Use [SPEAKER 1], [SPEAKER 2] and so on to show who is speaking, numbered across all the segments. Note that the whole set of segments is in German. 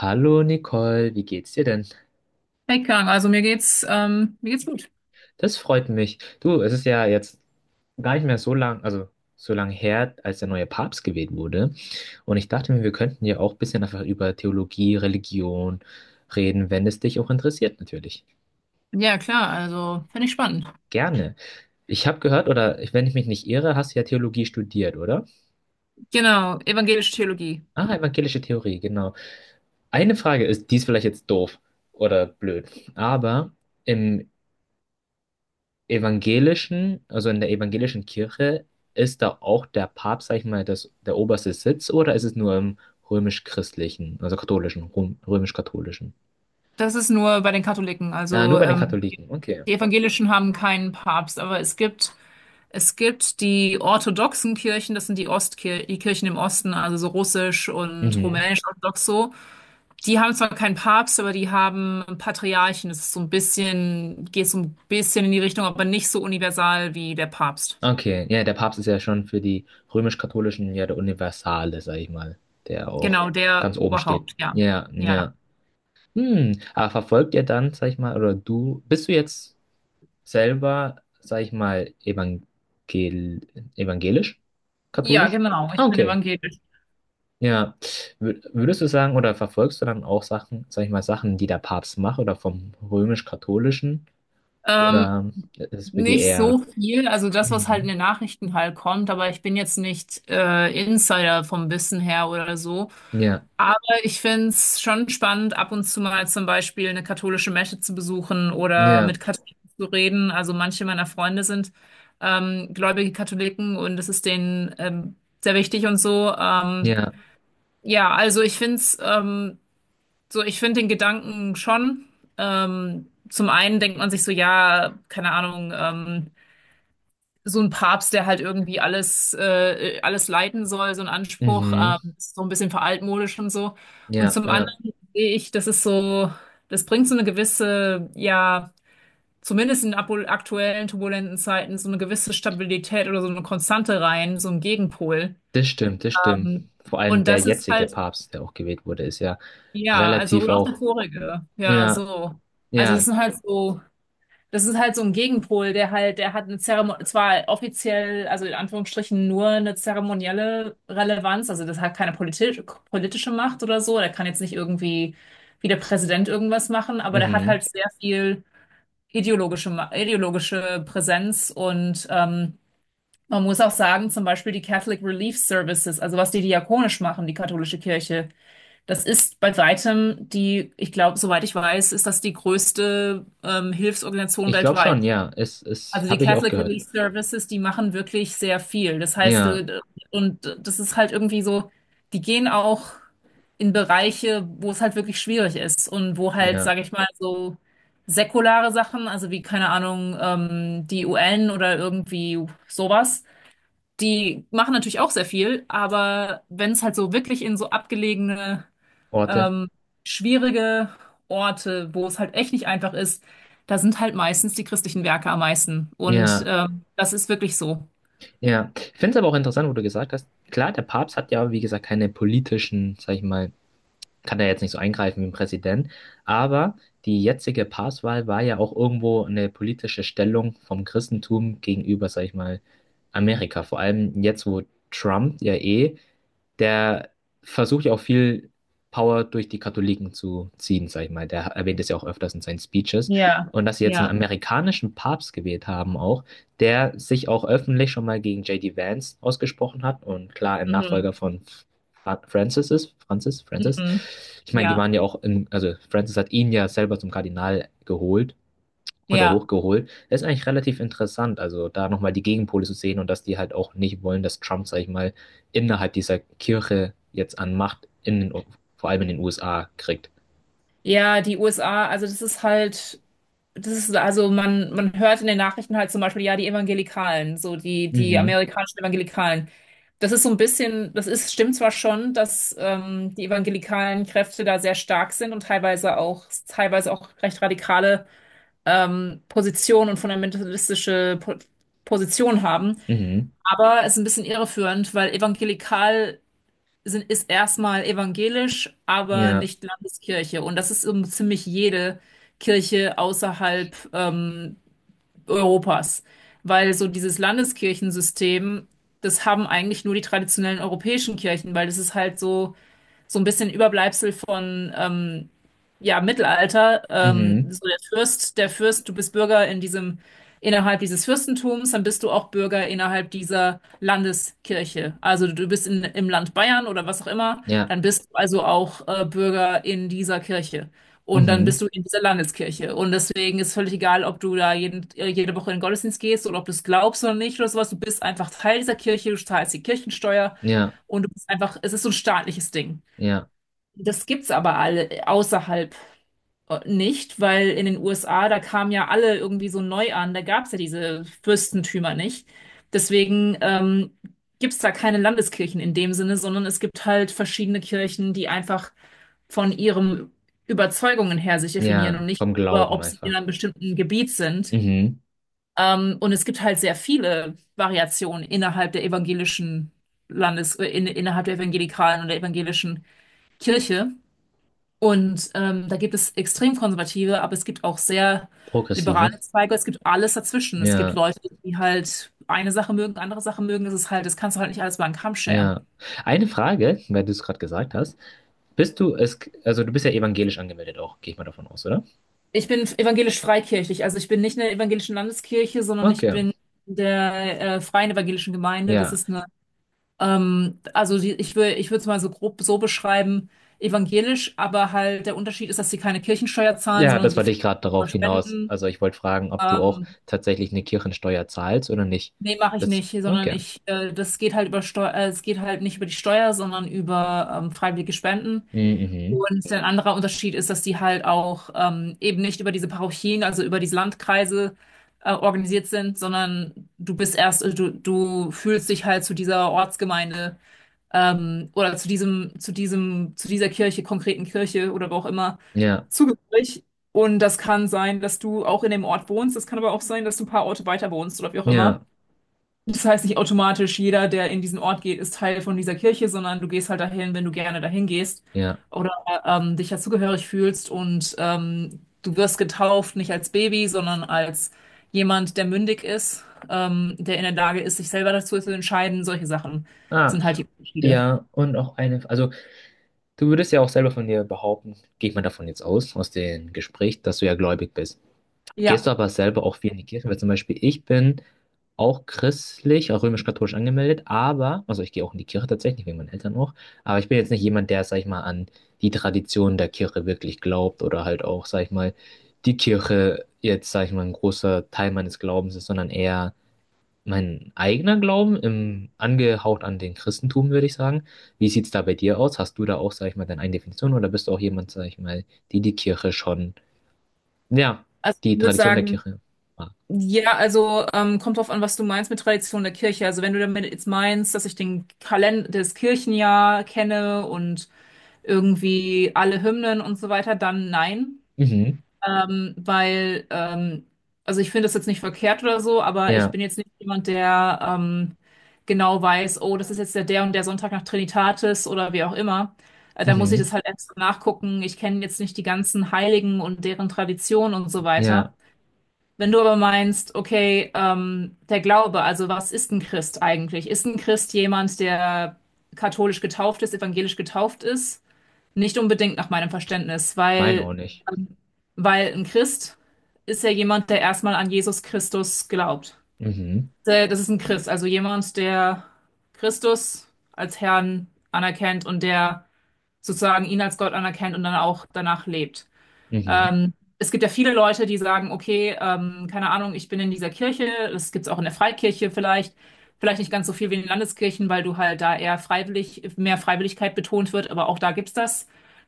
[SPEAKER 1] Hallo Nicole, wie geht's dir denn?
[SPEAKER 2] Hey Kang, also mir geht's gut.
[SPEAKER 1] Das freut mich. Du, es ist ja jetzt gar nicht mehr so lang, also so lang her, als der neue Papst gewählt wurde. Und ich dachte mir, wir könnten ja auch ein bisschen einfach über Theologie, Religion reden, wenn es dich auch interessiert, natürlich.
[SPEAKER 2] Ja, klar, also finde ich spannend.
[SPEAKER 1] Gerne. Ich habe gehört, oder wenn ich mich nicht irre, hast du ja Theologie studiert, oder?
[SPEAKER 2] Genau, evangelische Theologie.
[SPEAKER 1] Ah, evangelische Theorie, genau. Eine Frage ist, die ist vielleicht jetzt doof oder blöd, aber im evangelischen, also in der evangelischen Kirche, ist da auch der Papst, sag ich mal, das, der oberste Sitz oder ist es nur im römisch-christlichen, also katholischen, römisch-katholischen?
[SPEAKER 2] Das ist nur bei den Katholiken.
[SPEAKER 1] Ah, nur bei den Katholiken, okay.
[SPEAKER 2] Die Evangelischen haben keinen Papst, aber es gibt die orthodoxen Kirchen, das sind die Ostkir die Kirchen im Osten, also so russisch und
[SPEAKER 1] Mhm.
[SPEAKER 2] rumänisch-orthodox so. Die haben zwar keinen Papst, aber die haben Patriarchen. Das ist so ein bisschen, geht so ein bisschen in die Richtung, aber nicht so universal wie der Papst.
[SPEAKER 1] Okay, ja, der Papst ist ja schon für die römisch-katholischen ja der Universale, sag ich mal, der auch
[SPEAKER 2] Genau, der
[SPEAKER 1] ganz oben steht.
[SPEAKER 2] Oberhaupt, ja.
[SPEAKER 1] Ja,
[SPEAKER 2] Ja.
[SPEAKER 1] ja. Hm, aber verfolgt ihr dann, sag ich mal, oder du, bist du jetzt selber, sag ich mal, evangelisch?
[SPEAKER 2] Ja,
[SPEAKER 1] Katholisch?
[SPEAKER 2] genau.
[SPEAKER 1] Ah,
[SPEAKER 2] Ich bin
[SPEAKER 1] okay.
[SPEAKER 2] evangelisch.
[SPEAKER 1] Ja. Würdest du sagen, oder verfolgst du dann auch Sachen, sag ich mal, Sachen, die der Papst macht oder vom römisch-katholischen?
[SPEAKER 2] Ähm,
[SPEAKER 1] Oder ist es bei dir
[SPEAKER 2] Nicht
[SPEAKER 1] eher.
[SPEAKER 2] so viel, also das, was halt in
[SPEAKER 1] Mhm.
[SPEAKER 2] den Nachrichten halt kommt, aber ich bin jetzt nicht Insider vom Wissen her oder so.
[SPEAKER 1] Ja,
[SPEAKER 2] Aber ich find's schon spannend, ab und zu mal zum Beispiel eine katholische Messe zu besuchen oder mit
[SPEAKER 1] ja,
[SPEAKER 2] Katholiken zu reden. Also manche meiner Freunde sind gläubige Katholiken und es ist denen, sehr wichtig und so.
[SPEAKER 1] ja,
[SPEAKER 2] Ja, also ich find's, ich finde den Gedanken schon. Zum einen denkt man sich so, ja, keine Ahnung, so ein Papst, der halt irgendwie alles leiten soll, so ein Anspruch,
[SPEAKER 1] mhm,
[SPEAKER 2] ist so ein bisschen veraltmodisch und so. Und
[SPEAKER 1] ja,
[SPEAKER 2] zum
[SPEAKER 1] ja.
[SPEAKER 2] anderen sehe ich, das ist so, das bringt so eine gewisse, ja, zumindest in aktuellen turbulenten Zeiten, so eine gewisse Stabilität oder so eine Konstante rein, so ein Gegenpol.
[SPEAKER 1] Das stimmt, das stimmt.
[SPEAKER 2] Ähm,
[SPEAKER 1] Vor allem
[SPEAKER 2] und
[SPEAKER 1] der
[SPEAKER 2] das ist
[SPEAKER 1] jetzige
[SPEAKER 2] halt,
[SPEAKER 1] Papst, der auch gewählt wurde, ist ja
[SPEAKER 2] ja, also
[SPEAKER 1] relativ
[SPEAKER 2] und auch der
[SPEAKER 1] auch.
[SPEAKER 2] vorige, ja,
[SPEAKER 1] Ja,
[SPEAKER 2] so. Also das
[SPEAKER 1] ja,
[SPEAKER 2] sind halt so Das ist halt so ein Gegenpol, der halt, der hat eine Zeremonie, zwar offiziell, also in Anführungsstrichen nur eine zeremonielle Relevanz, also das hat keine politische Macht oder so, der kann jetzt nicht irgendwie wie der Präsident irgendwas machen, aber der hat
[SPEAKER 1] mhm.
[SPEAKER 2] halt sehr viel ideologische, ideologische Präsenz und man muss auch sagen, zum Beispiel die Catholic Relief Services, also was die diakonisch machen, die katholische Kirche, das ist bei weitem die, ich glaube, soweit ich weiß, ist das die größte Hilfsorganisation
[SPEAKER 1] Ich glaube schon,
[SPEAKER 2] weltweit.
[SPEAKER 1] ja. Es
[SPEAKER 2] Also die
[SPEAKER 1] habe ich auch
[SPEAKER 2] Catholic
[SPEAKER 1] gehört.
[SPEAKER 2] Relief Services, die machen wirklich sehr viel. Das heißt,
[SPEAKER 1] Ja,
[SPEAKER 2] äh, und das ist halt irgendwie so, die gehen auch in Bereiche, wo es halt wirklich schwierig ist und wo halt,
[SPEAKER 1] ja,
[SPEAKER 2] sage ich mal, so säkulare Sachen, also wie, keine Ahnung, die UN oder irgendwie sowas, die machen natürlich auch sehr viel, aber wenn es halt so wirklich in so abgelegene,
[SPEAKER 1] Orte.
[SPEAKER 2] ähm, schwierige Orte, wo es halt echt nicht einfach ist, da sind halt meistens die christlichen Werke am meisten. Und
[SPEAKER 1] Ja,
[SPEAKER 2] das ist wirklich so.
[SPEAKER 1] ja. Ich finde es aber auch interessant, wo du gesagt hast, klar, der Papst hat ja, wie gesagt, keine politischen, sag ich mal, kann er jetzt nicht so eingreifen wie ein Präsident, aber die jetzige Papstwahl war ja auch irgendwo eine politische Stellung vom Christentum gegenüber, sag ich mal, Amerika. Vor allem jetzt, wo Trump ja eh, der versucht ja auch viel Power durch die Katholiken zu ziehen, sag ich mal. Der erwähnt es ja auch öfters in seinen Speeches.
[SPEAKER 2] Ja.
[SPEAKER 1] Und dass sie jetzt einen
[SPEAKER 2] Ja.
[SPEAKER 1] amerikanischen Papst gewählt haben auch, der sich auch öffentlich schon mal gegen J. D. Vance ausgesprochen hat und klar ein Nachfolger
[SPEAKER 2] Mhm.
[SPEAKER 1] von Francis ist, Francis, Francis.
[SPEAKER 2] Mhm.
[SPEAKER 1] Ich meine, die
[SPEAKER 2] Ja.
[SPEAKER 1] waren ja auch in, also Francis hat ihn ja selber zum Kardinal geholt oder
[SPEAKER 2] Ja.
[SPEAKER 1] hochgeholt. Das ist eigentlich relativ interessant, also da nochmal die Gegenpole zu sehen und dass die halt auch nicht wollen, dass Trump, sag ich mal, innerhalb dieser Kirche jetzt an Macht in den, vor allem in den USA kriegt.
[SPEAKER 2] Ja, die USA, also das ist, also man hört in den Nachrichten halt zum Beispiel, ja, die Evangelikalen, so die
[SPEAKER 1] Mhm,
[SPEAKER 2] amerikanischen Evangelikalen. Das ist so ein bisschen, das ist, stimmt zwar schon, dass die evangelikalen Kräfte da sehr stark sind und teilweise auch recht radikale Position und fundamentalistische po Position haben.
[SPEAKER 1] mhm,
[SPEAKER 2] Aber es ist ein bisschen irreführend, weil evangelikal ist erstmal evangelisch, aber
[SPEAKER 1] ja,
[SPEAKER 2] nicht Landeskirche. Und das ist um ziemlich jede Kirche außerhalb, Europas. Weil so dieses Landeskirchensystem, das haben eigentlich nur die traditionellen europäischen Kirchen, weil das ist halt so so ein bisschen Überbleibsel von, ja, Mittelalter.
[SPEAKER 1] mhm,
[SPEAKER 2] So der Fürst, du bist Bürger in diesem, innerhalb dieses Fürstentums, dann bist du auch Bürger innerhalb dieser Landeskirche. Also du bist im Land Bayern oder was auch immer,
[SPEAKER 1] ja,
[SPEAKER 2] dann bist du also auch Bürger in dieser Kirche. Und dann
[SPEAKER 1] mhm,
[SPEAKER 2] bist du in dieser Landeskirche. Und deswegen ist völlig egal, ob du da jede Woche in den Gottesdienst gehst oder ob du es glaubst oder nicht oder sowas. Du bist einfach Teil dieser Kirche, du zahlst die Kirchensteuer
[SPEAKER 1] ja,
[SPEAKER 2] und du bist einfach, es ist so ein staatliches Ding.
[SPEAKER 1] ja,
[SPEAKER 2] Das gibt's aber alle außerhalb nicht, weil in den USA, da kamen ja alle irgendwie so neu an, da gab's ja diese Fürstentümer nicht. Deswegen gibt's da keine Landeskirchen in dem Sinne, sondern es gibt halt verschiedene Kirchen, die einfach von ihren Überzeugungen her sich definieren
[SPEAKER 1] ja,
[SPEAKER 2] und nicht
[SPEAKER 1] vom
[SPEAKER 2] über,
[SPEAKER 1] Glauben
[SPEAKER 2] ob sie in
[SPEAKER 1] einfach.
[SPEAKER 2] einem bestimmten Gebiet sind.
[SPEAKER 1] Mhm,
[SPEAKER 2] Und es gibt halt sehr viele Variationen innerhalb der innerhalb der evangelikalen oder evangelischen Kirche. Und da gibt es extrem konservative, aber es gibt auch sehr
[SPEAKER 1] progressive,
[SPEAKER 2] liberale Zweige. Es gibt alles dazwischen. Es gibt
[SPEAKER 1] ja.
[SPEAKER 2] Leute, die halt eine Sache mögen, andere Sache mögen. Das ist halt, das kannst du halt nicht alles über einen Kamm scheren.
[SPEAKER 1] Ja. Eine Frage, weil du es gerade gesagt hast. Bist du es, also du bist ja evangelisch angemeldet auch, gehe ich mal davon aus, oder?
[SPEAKER 2] Ich bin evangelisch-freikirchlich, also ich bin nicht in der evangelischen Landeskirche, sondern ich
[SPEAKER 1] Okay.
[SPEAKER 2] bin in der Freien Evangelischen Gemeinde. Das
[SPEAKER 1] Ja.
[SPEAKER 2] ist eine, ich ich würde es mal so grob so beschreiben, evangelisch, aber halt der Unterschied ist, dass sie keine Kirchensteuer zahlen,
[SPEAKER 1] Ja,
[SPEAKER 2] sondern
[SPEAKER 1] das
[SPEAKER 2] die
[SPEAKER 1] wollte ich gerade
[SPEAKER 2] finanzieren über
[SPEAKER 1] darauf hinaus.
[SPEAKER 2] spenden.
[SPEAKER 1] Also ich wollte fragen, ob du auch
[SPEAKER 2] Ähm,
[SPEAKER 1] tatsächlich eine Kirchensteuer zahlst oder nicht.
[SPEAKER 2] Nee, mache ich
[SPEAKER 1] Das,
[SPEAKER 2] nicht, sondern
[SPEAKER 1] okay.
[SPEAKER 2] ich, das geht halt über Steuer, es geht halt nicht über die Steuer, sondern über, freiwillige Spenden.
[SPEAKER 1] Mhm.
[SPEAKER 2] Und ein anderer Unterschied ist, dass die halt auch, eben nicht über diese Parochien, also über diese Landkreise organisiert sind, sondern du bist du fühlst dich halt zu dieser Ortsgemeinde, oder zu diesem, zu diesem, zu dieser Kirche, konkreten Kirche oder wo auch immer
[SPEAKER 1] Ja.
[SPEAKER 2] zugehörig. Und das kann sein, dass du auch in dem Ort wohnst, das kann aber auch sein, dass du ein paar Orte weiter wohnst oder wie auch immer.
[SPEAKER 1] Ja.
[SPEAKER 2] Das heißt nicht automatisch, jeder, der in diesen Ort geht, ist Teil von dieser Kirche, sondern du gehst halt dahin, wenn du gerne dahin gehst
[SPEAKER 1] Ja.
[SPEAKER 2] oder dich dazugehörig fühlst und du wirst getauft, nicht als Baby, sondern als jemand, der mündig ist, der in der Lage ist, sich selber dazu zu entscheiden. Solche Sachen
[SPEAKER 1] Ah.
[SPEAKER 2] sind halt die Unterschiede.
[SPEAKER 1] Ja, und auch eine, also du würdest ja auch selber von dir behaupten, gehe ich mal davon jetzt aus, aus dem Gespräch, dass du ja gläubig bist. Gehst
[SPEAKER 2] Ja,
[SPEAKER 1] du aber selber auch viel in die Kirche? Weil zum Beispiel ich bin auch christlich, auch römisch-katholisch angemeldet, aber, also ich gehe auch in die Kirche tatsächlich, wegen meinen Eltern auch, aber ich bin jetzt nicht jemand, der, sag ich mal, an die Tradition der Kirche wirklich glaubt oder halt auch, sag ich mal, die Kirche jetzt, sag ich mal, ein großer Teil meines Glaubens ist, sondern eher mein eigener Glauben, im, angehaucht an den Christentum, würde ich sagen. Wie sieht's da bei dir aus? Hast du da auch, sag ich mal, deine eigene Definition oder bist du auch jemand, sag ich mal, die die Kirche schon ja,
[SPEAKER 2] also
[SPEAKER 1] die
[SPEAKER 2] ich würde
[SPEAKER 1] Tradition der
[SPEAKER 2] sagen,
[SPEAKER 1] Kirche. Ah,
[SPEAKER 2] ja, also kommt drauf an, was du meinst mit Tradition der Kirche. Also wenn du damit jetzt meinst, dass ich den Kalender, das Kirchenjahr kenne und irgendwie alle Hymnen und so weiter, dann nein.
[SPEAKER 1] Mhm.
[SPEAKER 2] Ähm, weil, ähm, also ich finde das jetzt nicht verkehrt oder so, aber ich
[SPEAKER 1] Ja,
[SPEAKER 2] bin jetzt nicht jemand, der, genau weiß, oh, das ist jetzt der Sonntag nach Trinitatis oder wie auch immer. Da muss ich
[SPEAKER 1] mhm,
[SPEAKER 2] das halt extra nachgucken. Ich kenne jetzt nicht die ganzen Heiligen und deren Traditionen und so weiter.
[SPEAKER 1] ja,
[SPEAKER 2] Wenn du aber meinst, okay, der Glaube, also was ist ein Christ eigentlich? Ist ein Christ jemand, der katholisch getauft ist, evangelisch getauft ist? Nicht unbedingt nach meinem Verständnis,
[SPEAKER 1] mein auch nicht.
[SPEAKER 2] ähm, weil ein Christ ist ja jemand, der erstmal an Jesus Christus glaubt.
[SPEAKER 1] Mhm,
[SPEAKER 2] Das ist ein Christ, also jemand, der Christus als Herrn anerkennt und der sozusagen ihn als Gott anerkennt und dann auch danach lebt.
[SPEAKER 1] mhm,
[SPEAKER 2] Ähm, Es gibt ja viele Leute, die sagen, okay, keine Ahnung, ich bin in dieser Kirche, das gibt's auch in der Freikirche vielleicht, vielleicht nicht ganz so viel wie in den Landeskirchen, weil du halt da eher freiwillig, mehr Freiwilligkeit betont wird, aber auch da gibt's das.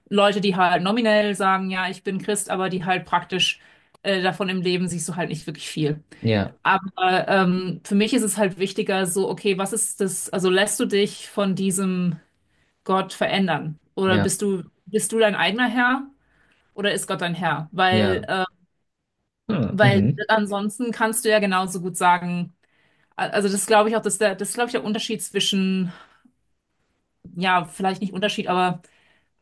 [SPEAKER 2] Leute, die halt nominell sagen, ja, ich bin Christ, aber die halt praktisch, davon im Leben siehst du halt nicht wirklich viel.
[SPEAKER 1] ja,
[SPEAKER 2] Aber für mich ist es halt wichtiger, so, okay, was ist das, also lässt du dich von diesem Gott verändern? Oder
[SPEAKER 1] ja,
[SPEAKER 2] bist du dein eigener Herr? Oder ist Gott dein Herr?
[SPEAKER 1] ja, ah,
[SPEAKER 2] Weil
[SPEAKER 1] mhm,
[SPEAKER 2] ansonsten kannst du ja genauso gut sagen, das glaube ich auch, dass der, das ist, glaube ich, der Unterschied zwischen, ja, vielleicht nicht Unterschied, aber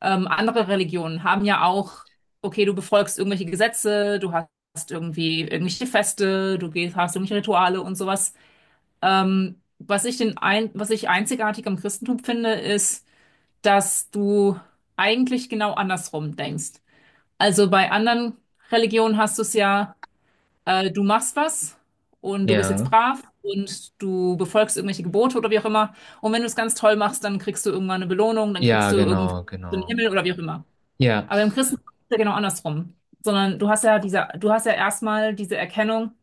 [SPEAKER 2] andere Religionen haben ja auch, okay, du befolgst irgendwelche Gesetze, du hast irgendwie irgendwelche Feste, du hast irgendwelche Rituale und sowas. Was ich einzigartig am Christentum finde, ist, dass du eigentlich genau andersrum denkst. Also bei anderen Religionen hast du es ja, du machst was und du bist jetzt
[SPEAKER 1] ja,
[SPEAKER 2] brav und du befolgst irgendwelche Gebote oder wie auch immer. Und wenn du es ganz toll machst, dann kriegst du irgendwann eine Belohnung, dann
[SPEAKER 1] ja,
[SPEAKER 2] kriegst du irgendwie
[SPEAKER 1] genau,
[SPEAKER 2] den
[SPEAKER 1] genau.
[SPEAKER 2] Himmel oder wie auch immer.
[SPEAKER 1] Ja,
[SPEAKER 2] Aber im Christentum ist es ja genau andersrum. Sondern du hast ja diese, du hast ja erstmal diese Erkennung,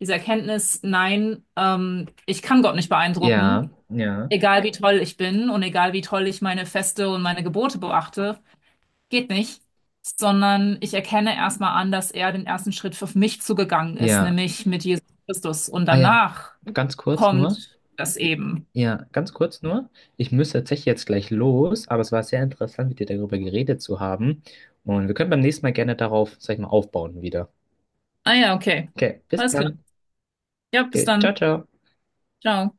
[SPEAKER 2] diese Erkenntnis, nein, ich kann Gott nicht
[SPEAKER 1] ja,
[SPEAKER 2] beeindrucken,
[SPEAKER 1] ja,
[SPEAKER 2] egal wie toll ich bin und egal wie toll ich meine Feste und meine Gebote beachte, geht nicht, sondern ich erkenne erstmal an, dass er den ersten Schritt für mich zugegangen ist,
[SPEAKER 1] ja.
[SPEAKER 2] nämlich mit Jesus Christus. Und
[SPEAKER 1] Ah ja,
[SPEAKER 2] danach
[SPEAKER 1] ganz kurz nur.
[SPEAKER 2] kommt das eben.
[SPEAKER 1] Ja, ganz kurz nur. Ich müsste tatsächlich jetzt gleich los, aber es war sehr interessant, mit dir darüber geredet zu haben. Und wir können beim nächsten Mal gerne darauf, sag ich mal, aufbauen wieder.
[SPEAKER 2] Ah ja, okay.
[SPEAKER 1] Okay, bis
[SPEAKER 2] Alles klar.
[SPEAKER 1] dann.
[SPEAKER 2] Ja, bis
[SPEAKER 1] Okay, ciao,
[SPEAKER 2] dann.
[SPEAKER 1] ciao.
[SPEAKER 2] Ciao.